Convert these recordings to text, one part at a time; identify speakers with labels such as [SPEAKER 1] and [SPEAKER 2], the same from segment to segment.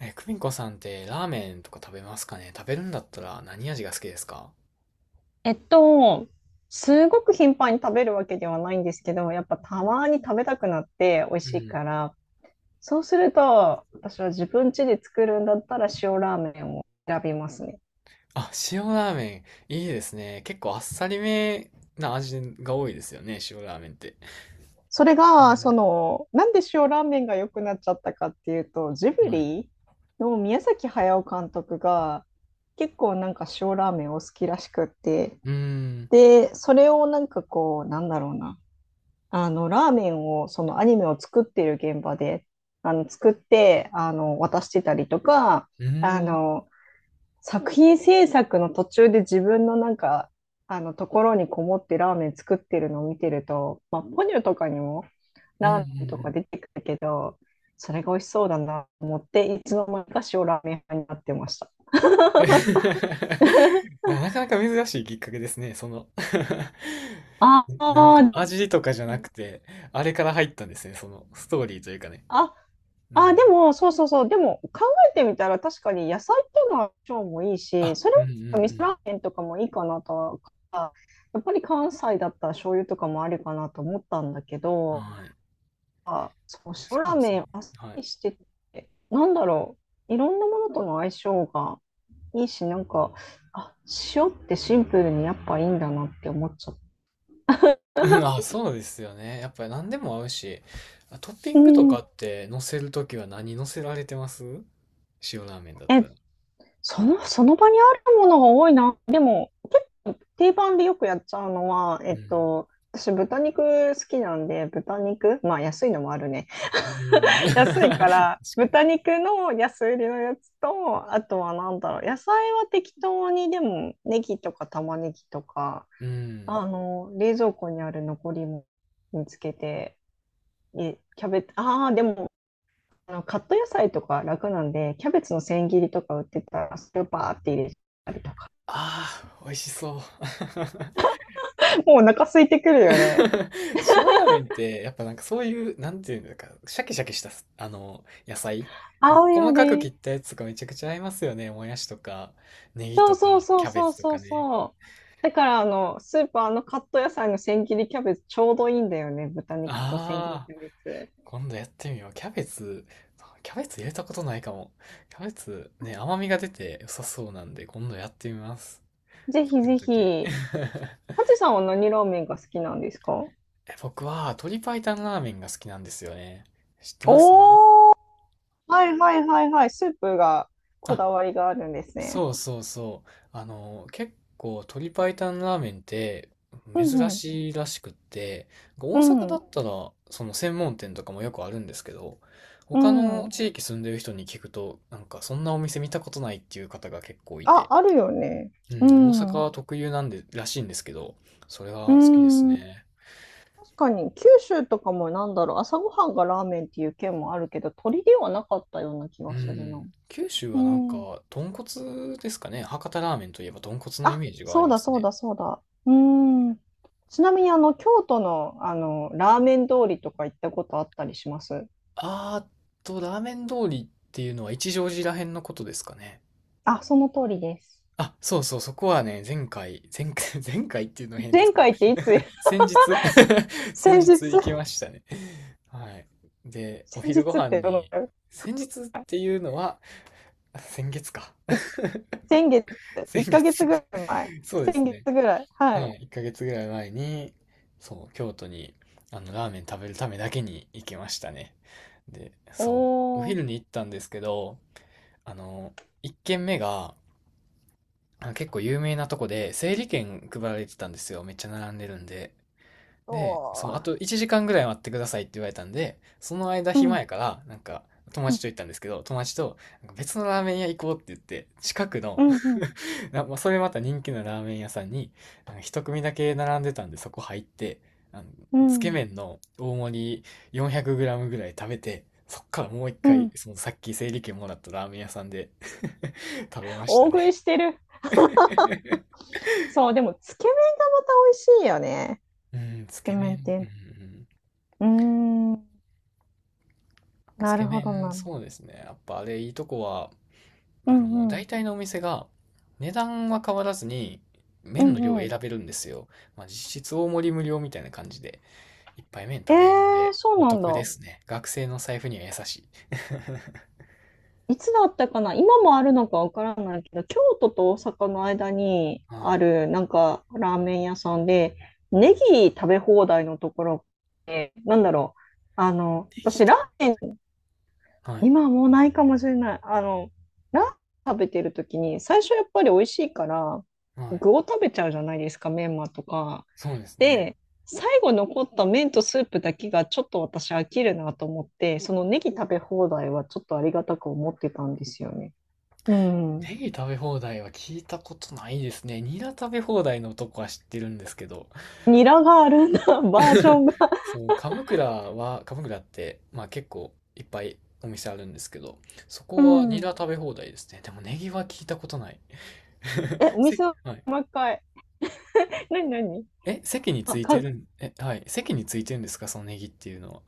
[SPEAKER 1] 久美子さんってラーメンとか食べますかね？食べるんだったら何味が好きですか？
[SPEAKER 2] えっと、すごく頻繁に食べるわけではないんですけど、やっぱたまに食べたくなって美味
[SPEAKER 1] う
[SPEAKER 2] しい
[SPEAKER 1] ん。
[SPEAKER 2] から、そうすると、私は自分家で作るんだったら塩ラーメンを選びますね。
[SPEAKER 1] あ、塩ラーメン、いいですね。結構あっさりめな味が多いですよね、塩ラーメンって。
[SPEAKER 2] それが、
[SPEAKER 1] う
[SPEAKER 2] なんで塩ラーメンが良くなっちゃったかっていうと、ジブ
[SPEAKER 1] ん。はい。
[SPEAKER 2] リの宮崎駿監督が結構なんか塩ラーメンを好きらしくって、
[SPEAKER 1] うーん。
[SPEAKER 2] で、それをなんかこう、なんだろうな。ラーメンを、そのアニメを作っている現場で、作って、渡してたりとか、
[SPEAKER 1] う
[SPEAKER 2] あ
[SPEAKER 1] ーん。
[SPEAKER 2] の、作品制作の途中で自分のなんか、ところにこもってラーメン作ってるのを見てると、まあ、ポニョとかにも
[SPEAKER 1] うん
[SPEAKER 2] ラ
[SPEAKER 1] うん
[SPEAKER 2] ーメン
[SPEAKER 1] う
[SPEAKER 2] とか
[SPEAKER 1] ん
[SPEAKER 2] 出てくるけど、それが美味しそうだなと思って、いつの間にか塩ラーメン派になってました。
[SPEAKER 1] いやなかなか珍しいきっかけですね、その
[SPEAKER 2] あ
[SPEAKER 1] なんか
[SPEAKER 2] あ、
[SPEAKER 1] 味とかじゃなくて、あれから入ったんですね、そのストーリーというかね。
[SPEAKER 2] あ、
[SPEAKER 1] う
[SPEAKER 2] あ、
[SPEAKER 1] ん。
[SPEAKER 2] でも、そうそうそう。でも、考えてみたら確かに野菜っていうのは腸もいいし、
[SPEAKER 1] あ、
[SPEAKER 2] それ
[SPEAKER 1] うんう
[SPEAKER 2] は味噌ラ
[SPEAKER 1] ん
[SPEAKER 2] ーメンとかもいいかなとは、やっぱり関西だったら醤油とかもありかなと思ったんだけ
[SPEAKER 1] うん。
[SPEAKER 2] ど、
[SPEAKER 1] はい。
[SPEAKER 2] あ、そう、
[SPEAKER 1] え、
[SPEAKER 2] 塩ラ
[SPEAKER 1] そう
[SPEAKER 2] ー
[SPEAKER 1] です
[SPEAKER 2] メ
[SPEAKER 1] ね。
[SPEAKER 2] ンあっさ
[SPEAKER 1] はい。
[SPEAKER 2] りしてて、なんだろう。いろんなものとの相性がいいし、なんか、あ、塩ってシンプルにやっぱいいんだなって思っちゃっ
[SPEAKER 1] うん
[SPEAKER 2] た。
[SPEAKER 1] あ、そうですよね。やっぱり何でも合うし、あ、トッピ
[SPEAKER 2] う
[SPEAKER 1] ングとか
[SPEAKER 2] ん。
[SPEAKER 1] って乗せるときは何乗せられてます？塩ラーメンだったら。
[SPEAKER 2] え、その場にあるものが多いな。でも、定番でよくやっちゃうのは、
[SPEAKER 1] うん。
[SPEAKER 2] 私豚肉好きなんで、豚肉、まあ安いのもあるね。
[SPEAKER 1] うん。確
[SPEAKER 2] 安いか
[SPEAKER 1] かに。
[SPEAKER 2] ら、豚肉の安売りのやつと、あとはなんだろう、野菜は適当にでも、ネギとか玉ねぎとか、
[SPEAKER 1] うん。
[SPEAKER 2] 冷蔵庫にある残りも見つけて、え、キャベツ、ああ、でも、カット野菜とか楽なんで、キャベツの千切りとか売ってたら、スーパーって入れたりとか、
[SPEAKER 1] ああ、美味しそう。
[SPEAKER 2] もうお腹空いてくるよ
[SPEAKER 1] 塩
[SPEAKER 2] ね。
[SPEAKER 1] ラーメンって、やっぱなんかそういう、なんていうんだか、シャキシャキした、あの、野菜。なん
[SPEAKER 2] 合
[SPEAKER 1] か
[SPEAKER 2] うよ
[SPEAKER 1] 細かく切っ
[SPEAKER 2] ね。
[SPEAKER 1] たやつとかめちゃくちゃ合いますよね。もやしとか、ネギ
[SPEAKER 2] そう
[SPEAKER 1] と
[SPEAKER 2] そう
[SPEAKER 1] か、
[SPEAKER 2] そ
[SPEAKER 1] キ
[SPEAKER 2] う
[SPEAKER 1] ャベ
[SPEAKER 2] そう
[SPEAKER 1] ツと
[SPEAKER 2] そ
[SPEAKER 1] か
[SPEAKER 2] う
[SPEAKER 1] ね。
[SPEAKER 2] そう。だからスーパーのカット野菜の千切りキャベツちょうどいいんだよね。豚肉と千切り
[SPEAKER 1] ああ。
[SPEAKER 2] キャベツ。
[SPEAKER 1] 今度やってみよう。キャベツ入れたことないかも。キャベツね、甘みが出て良さそうなんで、今度やってみます。
[SPEAKER 2] ぜひ
[SPEAKER 1] 作る
[SPEAKER 2] ぜ
[SPEAKER 1] とき。
[SPEAKER 2] ひ。ハチさんは何ラーメンが好きなんですか？
[SPEAKER 1] 僕は鶏白湯ラーメンが好きなんですよね。知ってます？
[SPEAKER 2] おー、はいはいはいはい。スープがこ
[SPEAKER 1] あ、
[SPEAKER 2] だわりがあるんですね。
[SPEAKER 1] そうそうそう。あの、結構鶏白湯ラーメンって
[SPEAKER 2] うん
[SPEAKER 1] 珍
[SPEAKER 2] うん、
[SPEAKER 1] しいらしくって、大阪だ
[SPEAKER 2] う
[SPEAKER 1] ったらその専門店とかもよくあるんですけど、他
[SPEAKER 2] ん、う
[SPEAKER 1] の
[SPEAKER 2] ん、
[SPEAKER 1] 地域住んでる人に聞くと、なんかそんなお店見たことないっていう方が結構い
[SPEAKER 2] あ、
[SPEAKER 1] て、
[SPEAKER 2] あるよね。
[SPEAKER 1] うん、大
[SPEAKER 2] う
[SPEAKER 1] 阪
[SPEAKER 2] ん、う
[SPEAKER 1] は特有なんで、らしいんですけど、それは好きです
[SPEAKER 2] ん。
[SPEAKER 1] ね。
[SPEAKER 2] 確かに九州とかもなんだろう、朝ごはんがラーメンっていう県もあるけど、鳥ではなかったような気
[SPEAKER 1] う
[SPEAKER 2] がするな。
[SPEAKER 1] ん。九州
[SPEAKER 2] う
[SPEAKER 1] はなん
[SPEAKER 2] ん
[SPEAKER 1] か、豚骨ですかね。博多ラーメンといえば豚骨のイ
[SPEAKER 2] あ、
[SPEAKER 1] メージがあ
[SPEAKER 2] そ
[SPEAKER 1] り
[SPEAKER 2] う
[SPEAKER 1] ま
[SPEAKER 2] だ
[SPEAKER 1] す
[SPEAKER 2] そう
[SPEAKER 1] ね。
[SPEAKER 2] だそうだ。うーん。ちなみにあの京都の、あのラーメン通りとか行ったことあったりします？
[SPEAKER 1] あーっと、ラーメン通りっていうのは一乗寺らへんのことですかね。
[SPEAKER 2] あ、その通りです。
[SPEAKER 1] あ、そうそう、そこはね、前回、前回、前回っていうのは変です
[SPEAKER 2] 前
[SPEAKER 1] けど、
[SPEAKER 2] 回っていつ？
[SPEAKER 1] 先日 先
[SPEAKER 2] 先日。
[SPEAKER 1] 日行きましたね。はい。で、お
[SPEAKER 2] 先日
[SPEAKER 1] 昼ご
[SPEAKER 2] っ
[SPEAKER 1] 飯
[SPEAKER 2] てどのく
[SPEAKER 1] に、
[SPEAKER 2] らい？
[SPEAKER 1] 先日っていうのは、あ、先月か。
[SPEAKER 2] い先月、
[SPEAKER 1] 先
[SPEAKER 2] 1ヶ月
[SPEAKER 1] 月。
[SPEAKER 2] ぐらい前。
[SPEAKER 1] そうで
[SPEAKER 2] 先
[SPEAKER 1] す
[SPEAKER 2] 月
[SPEAKER 1] ね。
[SPEAKER 2] ぐらい。は
[SPEAKER 1] は
[SPEAKER 2] い。
[SPEAKER 1] い。1ヶ月ぐらい前に、そう、京都に、あの、ラーメン食べるためだけに行きましたね。で、そう、お
[SPEAKER 2] おー、
[SPEAKER 1] 昼に行ったんですけど、あの、1軒目が、あの結構有名なとこで、整理券配られてたんですよ。めっちゃ並んでるんで。
[SPEAKER 2] お
[SPEAKER 1] で、そう、あ
[SPEAKER 2] ー
[SPEAKER 1] と1時間ぐらい待ってくださいって言われたんで、その間
[SPEAKER 2] う
[SPEAKER 1] 暇
[SPEAKER 2] ん、
[SPEAKER 1] やから、なんか、友
[SPEAKER 2] うん、
[SPEAKER 1] 達と行ったんですけど、友達と、なんか別のラーメン屋行こうって言って、近くの、
[SPEAKER 2] うん、うん、
[SPEAKER 1] まあ、それまた人気のラーメン屋さんに、なんか一組だけ並んでたんで、そこ入って、あの、
[SPEAKER 2] う
[SPEAKER 1] つけ
[SPEAKER 2] ん。
[SPEAKER 1] 麺の大盛り 400g ぐらい食べて、そっからもう一
[SPEAKER 2] う
[SPEAKER 1] 回、
[SPEAKER 2] ん
[SPEAKER 1] そのさっき整理券もらったラーメン屋さんで 食べました
[SPEAKER 2] 大
[SPEAKER 1] ね。
[SPEAKER 2] 食いしてる。そう、でも、つけ麺がまた美味しいよね。
[SPEAKER 1] うん、
[SPEAKER 2] つ
[SPEAKER 1] つ
[SPEAKER 2] け
[SPEAKER 1] け
[SPEAKER 2] 麺って
[SPEAKER 1] 麺、
[SPEAKER 2] いう
[SPEAKER 1] うん、う
[SPEAKER 2] の。
[SPEAKER 1] ん。
[SPEAKER 2] うーん、
[SPEAKER 1] つ
[SPEAKER 2] な
[SPEAKER 1] け
[SPEAKER 2] るほど
[SPEAKER 1] 麺、
[SPEAKER 2] な。
[SPEAKER 1] そうですね。やっぱあれ、いいとこは、
[SPEAKER 2] う
[SPEAKER 1] あの、
[SPEAKER 2] んう
[SPEAKER 1] 大
[SPEAKER 2] ん。
[SPEAKER 1] 体のお店が値段は変わらずに
[SPEAKER 2] う
[SPEAKER 1] 麺の量を
[SPEAKER 2] んう
[SPEAKER 1] 選
[SPEAKER 2] ん。
[SPEAKER 1] べるんですよ。まあ、実質大盛り無料みたいな感じでいっぱい麺
[SPEAKER 2] え
[SPEAKER 1] 食べれるん
[SPEAKER 2] ー、
[SPEAKER 1] で
[SPEAKER 2] そう
[SPEAKER 1] お
[SPEAKER 2] なん
[SPEAKER 1] 得で
[SPEAKER 2] だ。
[SPEAKER 1] すね。学生の財布には優しい。
[SPEAKER 2] いつだったかな今もあるのかわからないけど、京都と大阪の間に
[SPEAKER 1] は
[SPEAKER 2] あ
[SPEAKER 1] い。
[SPEAKER 2] る、なんか、ラーメン屋さんで、ネギ食べ放題のところって、なんだろう。
[SPEAKER 1] でき
[SPEAKER 2] 私、ラ
[SPEAKER 1] た。
[SPEAKER 2] ーメン、
[SPEAKER 1] はい。
[SPEAKER 2] 今はもうないかもしれない。ラーメン食べてるときに、最初やっぱり美味しいから、
[SPEAKER 1] はい。
[SPEAKER 2] 具を食べちゃうじゃないですか、メンマとか。
[SPEAKER 1] そうですね。
[SPEAKER 2] で、最後残った麺とスープだけがちょっと私飽きるなと思って、そのネギ食べ放題はちょっとありがたく思ってたんですよね。う
[SPEAKER 1] ネ
[SPEAKER 2] ん。
[SPEAKER 1] ギ食べ放題は聞いたことないですね。ニラ食べ放題のとこは知ってるんですけど、
[SPEAKER 2] ニラがあるんだ、バージョ ンが。
[SPEAKER 1] そう、鎌倉は、鎌倉って、まあ結構いっぱいお店あるんですけど、そ
[SPEAKER 2] う
[SPEAKER 1] こはニラ
[SPEAKER 2] ん。
[SPEAKER 1] 食べ放題ですね。でもネギは聞いたことない。
[SPEAKER 2] え、お店の
[SPEAKER 1] はい。
[SPEAKER 2] 1階。何何
[SPEAKER 1] え、席につ
[SPEAKER 2] あ、
[SPEAKER 1] いて
[SPEAKER 2] 考
[SPEAKER 1] るん、え、はい。席についてるんですか、そのネギっていうのは。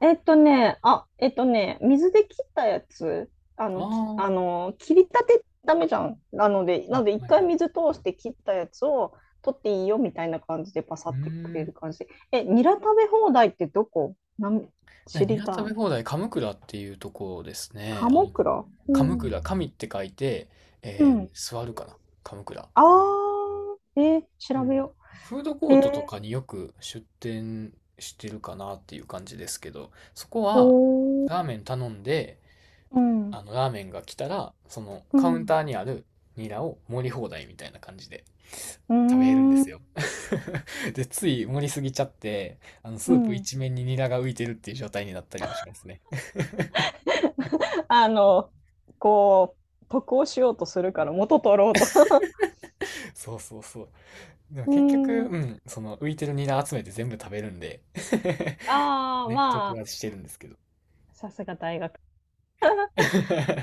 [SPEAKER 2] えっとね、あ、えっとね、水で切ったやつ、あの、き、あ
[SPEAKER 1] あ
[SPEAKER 2] の、切りたてダメじゃん。なので、なの
[SPEAKER 1] あ、
[SPEAKER 2] で、
[SPEAKER 1] あ、
[SPEAKER 2] 一
[SPEAKER 1] はいは
[SPEAKER 2] 回
[SPEAKER 1] い。
[SPEAKER 2] 水通して切ったやつを取っていいよみたいな感じでパサ
[SPEAKER 1] う
[SPEAKER 2] ってく
[SPEAKER 1] ー
[SPEAKER 2] れ
[SPEAKER 1] ん。
[SPEAKER 2] る感じ。え、ニラ食べ放題ってどこなん
[SPEAKER 1] で
[SPEAKER 2] 知
[SPEAKER 1] ニ
[SPEAKER 2] り
[SPEAKER 1] ラ食
[SPEAKER 2] た
[SPEAKER 1] べ
[SPEAKER 2] い？
[SPEAKER 1] 放題、鎌倉っていうところですね。あ
[SPEAKER 2] 鴨
[SPEAKER 1] の、
[SPEAKER 2] 倉う
[SPEAKER 1] 鎌
[SPEAKER 2] ん。
[SPEAKER 1] 倉、神って書いて、
[SPEAKER 2] うん。
[SPEAKER 1] 座るかな。鎌倉。
[SPEAKER 2] あ
[SPEAKER 1] う
[SPEAKER 2] 調
[SPEAKER 1] ん。
[SPEAKER 2] べよ
[SPEAKER 1] フード
[SPEAKER 2] う。
[SPEAKER 1] コー
[SPEAKER 2] えー、
[SPEAKER 1] トとかによく出店してるかなっていう感じですけど、そこ
[SPEAKER 2] お
[SPEAKER 1] は
[SPEAKER 2] ー
[SPEAKER 1] ラーメン頼んで、
[SPEAKER 2] うん、
[SPEAKER 1] あのラーメンが来たら、その
[SPEAKER 2] う
[SPEAKER 1] カウン
[SPEAKER 2] ん、
[SPEAKER 1] ターにあるニラを盛り放題みたいな感じで
[SPEAKER 2] うー
[SPEAKER 1] 食べれるんです
[SPEAKER 2] ん、
[SPEAKER 1] よ。で、つい盛りすぎちゃって、あの
[SPEAKER 2] う
[SPEAKER 1] スープ
[SPEAKER 2] ん。
[SPEAKER 1] 一面にニラが浮いてるっていう状態になったりもしますね。
[SPEAKER 2] あの、こ得をしようとするから元取ろうと
[SPEAKER 1] そうそうそう。でも
[SPEAKER 2] う
[SPEAKER 1] 結局、
[SPEAKER 2] ん。
[SPEAKER 1] うん、その浮いてるニラ集めて全部食べるんで
[SPEAKER 2] あ あ、
[SPEAKER 1] ね、
[SPEAKER 2] ま
[SPEAKER 1] 得
[SPEAKER 2] あ、
[SPEAKER 1] はしてるんですけど。
[SPEAKER 2] さすが大学。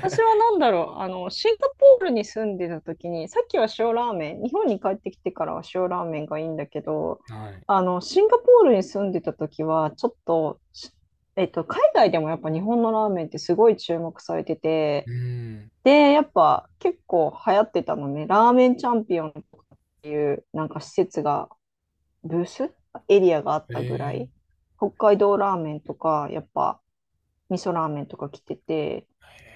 [SPEAKER 2] 私 は何だろう、シンガポールに住んでた時に、さっきは塩ラーメン、日本に帰ってきてからは塩ラーメンがいいんだけど、
[SPEAKER 1] はい。
[SPEAKER 2] シンガポールに住んでた時は、ちょっと、海外でもやっぱ日本のラーメンってすごい注目されてて、
[SPEAKER 1] うん。
[SPEAKER 2] で、やっぱ結構流行ってたのね、ラーメンチャンピオンとかっていう、なんか施設が、ブースエリアがあっ
[SPEAKER 1] え
[SPEAKER 2] たぐら
[SPEAKER 1] え、
[SPEAKER 2] い、北海道ラーメンとか、やっぱ、味噌ラーメンとか来てて、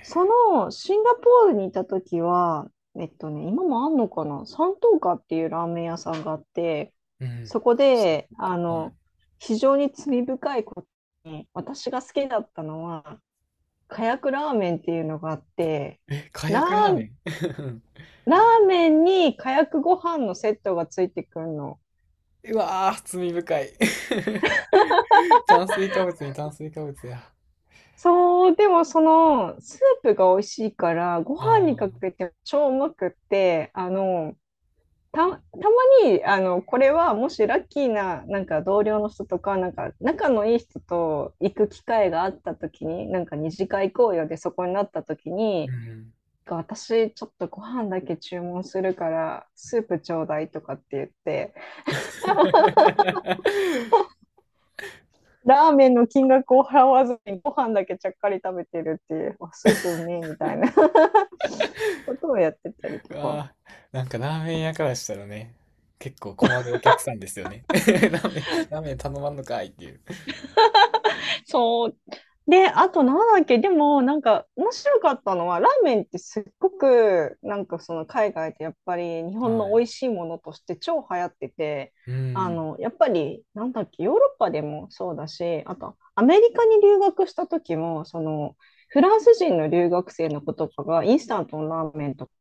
[SPEAKER 2] そのシンガポールにいた時は、今もあんのかな、三島花っていうラーメン屋さんがあって、
[SPEAKER 1] うん。
[SPEAKER 2] そこ
[SPEAKER 1] そっ
[SPEAKER 2] で、
[SPEAKER 1] か、はい。
[SPEAKER 2] 非常に罪深いことに、私が好きだったのは、カヤクラーメンっていうのがあって、
[SPEAKER 1] え、か
[SPEAKER 2] ラ
[SPEAKER 1] やくラー
[SPEAKER 2] ー、
[SPEAKER 1] メン。
[SPEAKER 2] ラーメンにカヤクご飯のセットがついてくるの。
[SPEAKER 1] うわー、罪深い。 炭水化物に炭水化物や。
[SPEAKER 2] そう、でもそのスープが美味しいから、ご
[SPEAKER 1] あ
[SPEAKER 2] 飯に
[SPEAKER 1] あ、
[SPEAKER 2] かけて超うまくって、たまに、これはもしラッキーな、なんか同僚の人とか、なんか仲のいい人と行く機会があった時に、なんか二次会行こうよでそこになった時
[SPEAKER 1] う
[SPEAKER 2] に、
[SPEAKER 1] ん。
[SPEAKER 2] 私ちょっとご飯だけ注文するからスープちょうだいとかって言って ラーメンの金額を払わずにご飯だけちゃっかり食べてるっていうスープうめえみたいな ことをやってたりとか
[SPEAKER 1] ああ、なんかラーメン屋からしたらね、結構困るお客さんですよね。ラーメン頼まんのかいっていう。
[SPEAKER 2] そう。で、あとなんだっけ、でもなんか面白かったのは、ラーメンってすっごくなんかその海外でやっぱり日本
[SPEAKER 1] は
[SPEAKER 2] の
[SPEAKER 1] い。
[SPEAKER 2] 美味しいものとして超流行ってて、
[SPEAKER 1] うん。
[SPEAKER 2] やっぱりなんだっけ、ヨーロッパでもそうだし、あとアメリカに留学した時も、そのフランス人の留学生の子とかがインスタントのラーメンとか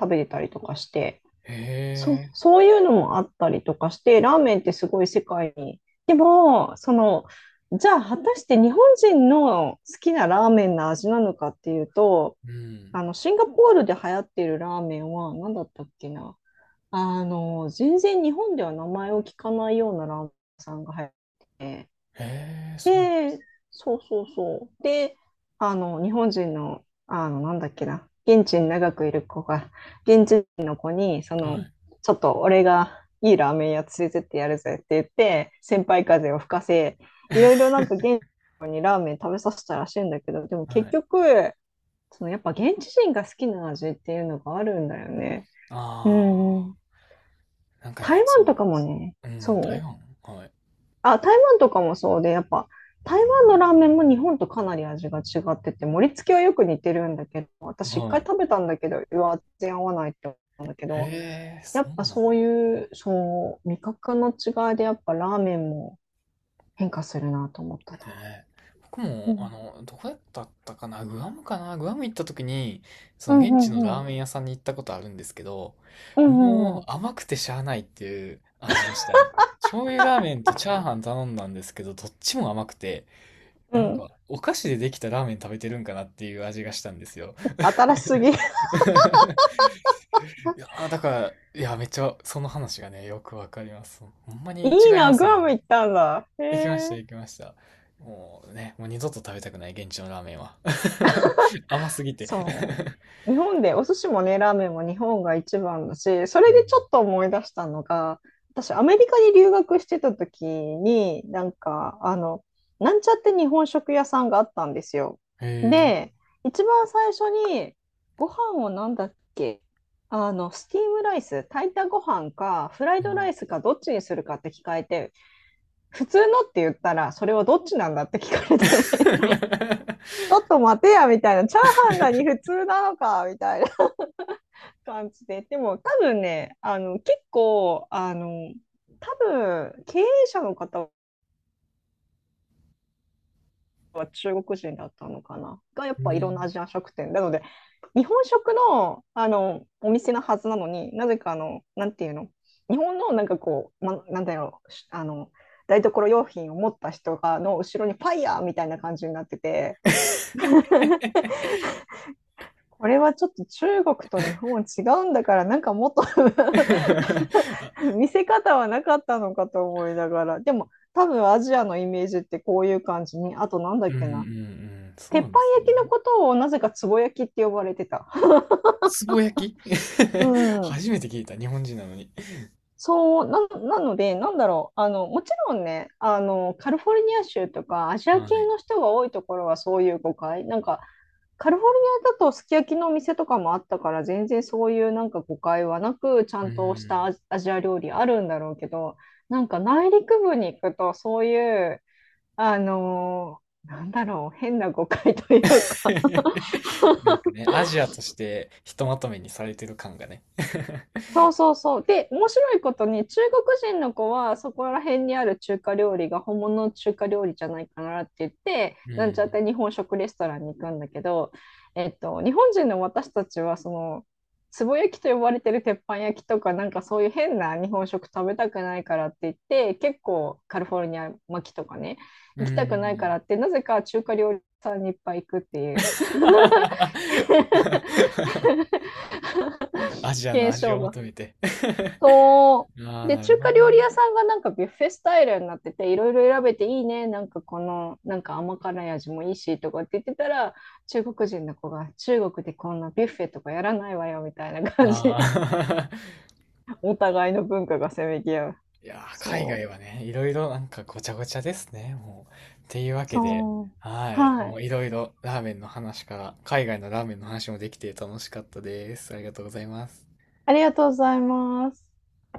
[SPEAKER 2] 食べてたりとかして、
[SPEAKER 1] へ
[SPEAKER 2] そう、
[SPEAKER 1] え、
[SPEAKER 2] そういうのもあったりとかして、ラーメンってすごい世界に。でも、じゃあ果たして日本人の好きなラーメンの味なのかっていうと、
[SPEAKER 1] うん。
[SPEAKER 2] シンガポールで流行っているラーメンは何だったっけな。全然日本では名前を聞かないようなラーメン屋さんが流行ってて
[SPEAKER 1] へえ、そう。
[SPEAKER 2] で、そうそうそう。で、日本人の、なんだっけな、現地に長くいる子が、現地人の子に、
[SPEAKER 1] はい。
[SPEAKER 2] ちょっと俺がいいラーメン屋連れてってやるぜって言って、先輩風を吹かせ、いろいろ なんか現地の子にラーメン食べさせたらしいんだけど、でも
[SPEAKER 1] は
[SPEAKER 2] 結
[SPEAKER 1] い。
[SPEAKER 2] 局、そのやっぱ現地人が好きな味っていうのがあるんだよね。う
[SPEAKER 1] あ
[SPEAKER 2] んうん。
[SPEAKER 1] あ、なんか
[SPEAKER 2] 台
[SPEAKER 1] ね、
[SPEAKER 2] 湾
[SPEAKER 1] そ
[SPEAKER 2] とかもね、
[SPEAKER 1] う、うん、台
[SPEAKER 2] そう
[SPEAKER 1] 湾はい。
[SPEAKER 2] あ、台湾とかもそうで、やっぱ台湾のラーメンも日本とかなり味が違ってて、盛り付けはよく似てるんだけど、私一
[SPEAKER 1] は
[SPEAKER 2] 回
[SPEAKER 1] い。
[SPEAKER 2] 食べたんだけど、うわ、全然合わないって思ったんだけど、
[SPEAKER 1] へえ、そ
[SPEAKER 2] やっ
[SPEAKER 1] う
[SPEAKER 2] ぱ
[SPEAKER 1] なんだ
[SPEAKER 2] そういう、そう、味覚の違いでやっぱラーメンも変化するなと思ったな。
[SPEAKER 1] ね。僕
[SPEAKER 2] う
[SPEAKER 1] も、あ
[SPEAKER 2] ん。
[SPEAKER 1] の、どこだったかな、グアムかな、グアム行った時に、そ
[SPEAKER 2] う
[SPEAKER 1] の
[SPEAKER 2] んう
[SPEAKER 1] 現地の
[SPEAKER 2] んう
[SPEAKER 1] ラー
[SPEAKER 2] ん。
[SPEAKER 1] メン屋さんに行ったことあるんですけど、
[SPEAKER 2] うんうん
[SPEAKER 1] も
[SPEAKER 2] うん。
[SPEAKER 1] う甘くてしゃあないっていう味でしたね。醤油ラーメンとチャーハン頼んだんですけど、どっちも甘くて、
[SPEAKER 2] う
[SPEAKER 1] なん
[SPEAKER 2] ん。
[SPEAKER 1] か、お菓子でできたラーメン食べてるんかなっていう味がしたんですよ。
[SPEAKER 2] 新しすぎ。
[SPEAKER 1] いやー、だから、いや、めっちゃ、その話がね、よくわかります。ほんま に
[SPEAKER 2] いい
[SPEAKER 1] 違いま
[SPEAKER 2] な、
[SPEAKER 1] す
[SPEAKER 2] グ
[SPEAKER 1] よね。
[SPEAKER 2] アム行ったんだ。へ
[SPEAKER 1] 行きました、
[SPEAKER 2] え。
[SPEAKER 1] 行きました。もうね、もう二度と食べたくない、現地のラーメンは。甘すぎて。
[SPEAKER 2] そう。日本で、お寿司もね、ラーメンも日本が一番だし、そ
[SPEAKER 1] う
[SPEAKER 2] れ
[SPEAKER 1] ん。
[SPEAKER 2] でちょっと思い出したのが、私、アメリカに留学してた時に、なんちゃって日本食屋さんがあったんですよ。
[SPEAKER 1] へえ。
[SPEAKER 2] で、一番最初に、ご飯をなんだっけスティームライス、炊いたご飯か、フライ
[SPEAKER 1] う
[SPEAKER 2] ドラ
[SPEAKER 1] ん。
[SPEAKER 2] イスか、どっちにするかって聞かれて、普通のって言ったら、それはどっちなんだって聞かれて、ちょっと待てや、みたいな、チャーハンがに普通なのか、みたいな。感じで。でも多分ね、あの、結構、あの、多分、経営者の方は中国人だったのかな。が、やっ
[SPEAKER 1] う
[SPEAKER 2] ぱいろんなア
[SPEAKER 1] ん。
[SPEAKER 2] ジアン食店。なので、日本食の、お店のはずなのに、なぜか、なんていうの、日本のなんかこう、ま、なんだろう、し台所用品を持った人がの後ろにファイヤーみたいな感じになってて、これはちょっと中国と日本違うんだから、なんかもっと
[SPEAKER 1] あ
[SPEAKER 2] 見せ方はなかったのかと思いながら。でも、多分アジアのイメージってこういう感じに、あとなんだ
[SPEAKER 1] う
[SPEAKER 2] っ
[SPEAKER 1] んうんう
[SPEAKER 2] けな。
[SPEAKER 1] ん、そ
[SPEAKER 2] 鉄
[SPEAKER 1] う
[SPEAKER 2] 板
[SPEAKER 1] です
[SPEAKER 2] 焼
[SPEAKER 1] ね。
[SPEAKER 2] きのことをなぜかつぼ焼きって呼ばれてた。
[SPEAKER 1] つぼ焼き。
[SPEAKER 2] うん。
[SPEAKER 1] 初めて聞いた、日本人なのに。
[SPEAKER 2] そう、な、なので、なんだろう。もちろんね、カリフォルニア州とかアジア
[SPEAKER 1] は
[SPEAKER 2] 系
[SPEAKER 1] い。
[SPEAKER 2] の人が多いところはそういう誤解。なんか、カリフォルニアだとすき焼きのお店とかもあったから、全然そういうなんか誤解はなく、ちゃ
[SPEAKER 1] うー
[SPEAKER 2] んとした
[SPEAKER 1] ん。
[SPEAKER 2] アジア料理あるんだろうけど、なんか内陸部に行くとそういうなんだろう、変な誤解というか
[SPEAKER 1] なんかね、アジアとしてひとまとめにされてる感がね。
[SPEAKER 2] そうそうそう。で、面白いことに、中国人の子は、そこら辺にある中華料理が本物の中華料理じゃないかなって言って、
[SPEAKER 1] う
[SPEAKER 2] なんちゃっ
[SPEAKER 1] ん。
[SPEAKER 2] て日本食レストランに行くんだけど、えっと、日本人の私たちは、その、つぼ焼きと呼ばれてる鉄板焼きとか、なんかそういう変な日本食食べたくないからって言って、結構カリフォルニア巻きとかね、
[SPEAKER 1] う
[SPEAKER 2] 行きた
[SPEAKER 1] ー
[SPEAKER 2] くないからっ
[SPEAKER 1] ん。
[SPEAKER 2] て、なぜか中華料理屋さんにいっぱい行くっていう
[SPEAKER 1] アジアの
[SPEAKER 2] 現
[SPEAKER 1] 味
[SPEAKER 2] 象
[SPEAKER 1] を
[SPEAKER 2] が
[SPEAKER 1] 求め て。
[SPEAKER 2] そ
[SPEAKER 1] あ
[SPEAKER 2] う。
[SPEAKER 1] あ、
[SPEAKER 2] で、
[SPEAKER 1] なる
[SPEAKER 2] 中
[SPEAKER 1] ほ
[SPEAKER 2] 華
[SPEAKER 1] どね。
[SPEAKER 2] 料理屋さんがなんかビュッフェスタイルになってて、いろいろ選べていいね。なんかこの、なんか甘辛い味もいいし、とかって言ってたら、中国人の子が、中国でこんなビュッフェとかやらないわよ、みたいな感じで、
[SPEAKER 1] ああ。
[SPEAKER 2] お互いの文化がせめぎ合う。
[SPEAKER 1] いやー、海
[SPEAKER 2] そ
[SPEAKER 1] 外
[SPEAKER 2] う。
[SPEAKER 1] はね、いろいろなんかごちゃごちゃですね、もう。っていうわけで、
[SPEAKER 2] そう。
[SPEAKER 1] はい。
[SPEAKER 2] は
[SPEAKER 1] もう
[SPEAKER 2] い。
[SPEAKER 1] いろいろラーメンの話から、海外のラーメンの話もできて楽しかったです。ありがとうございます。
[SPEAKER 2] ありがとうございます。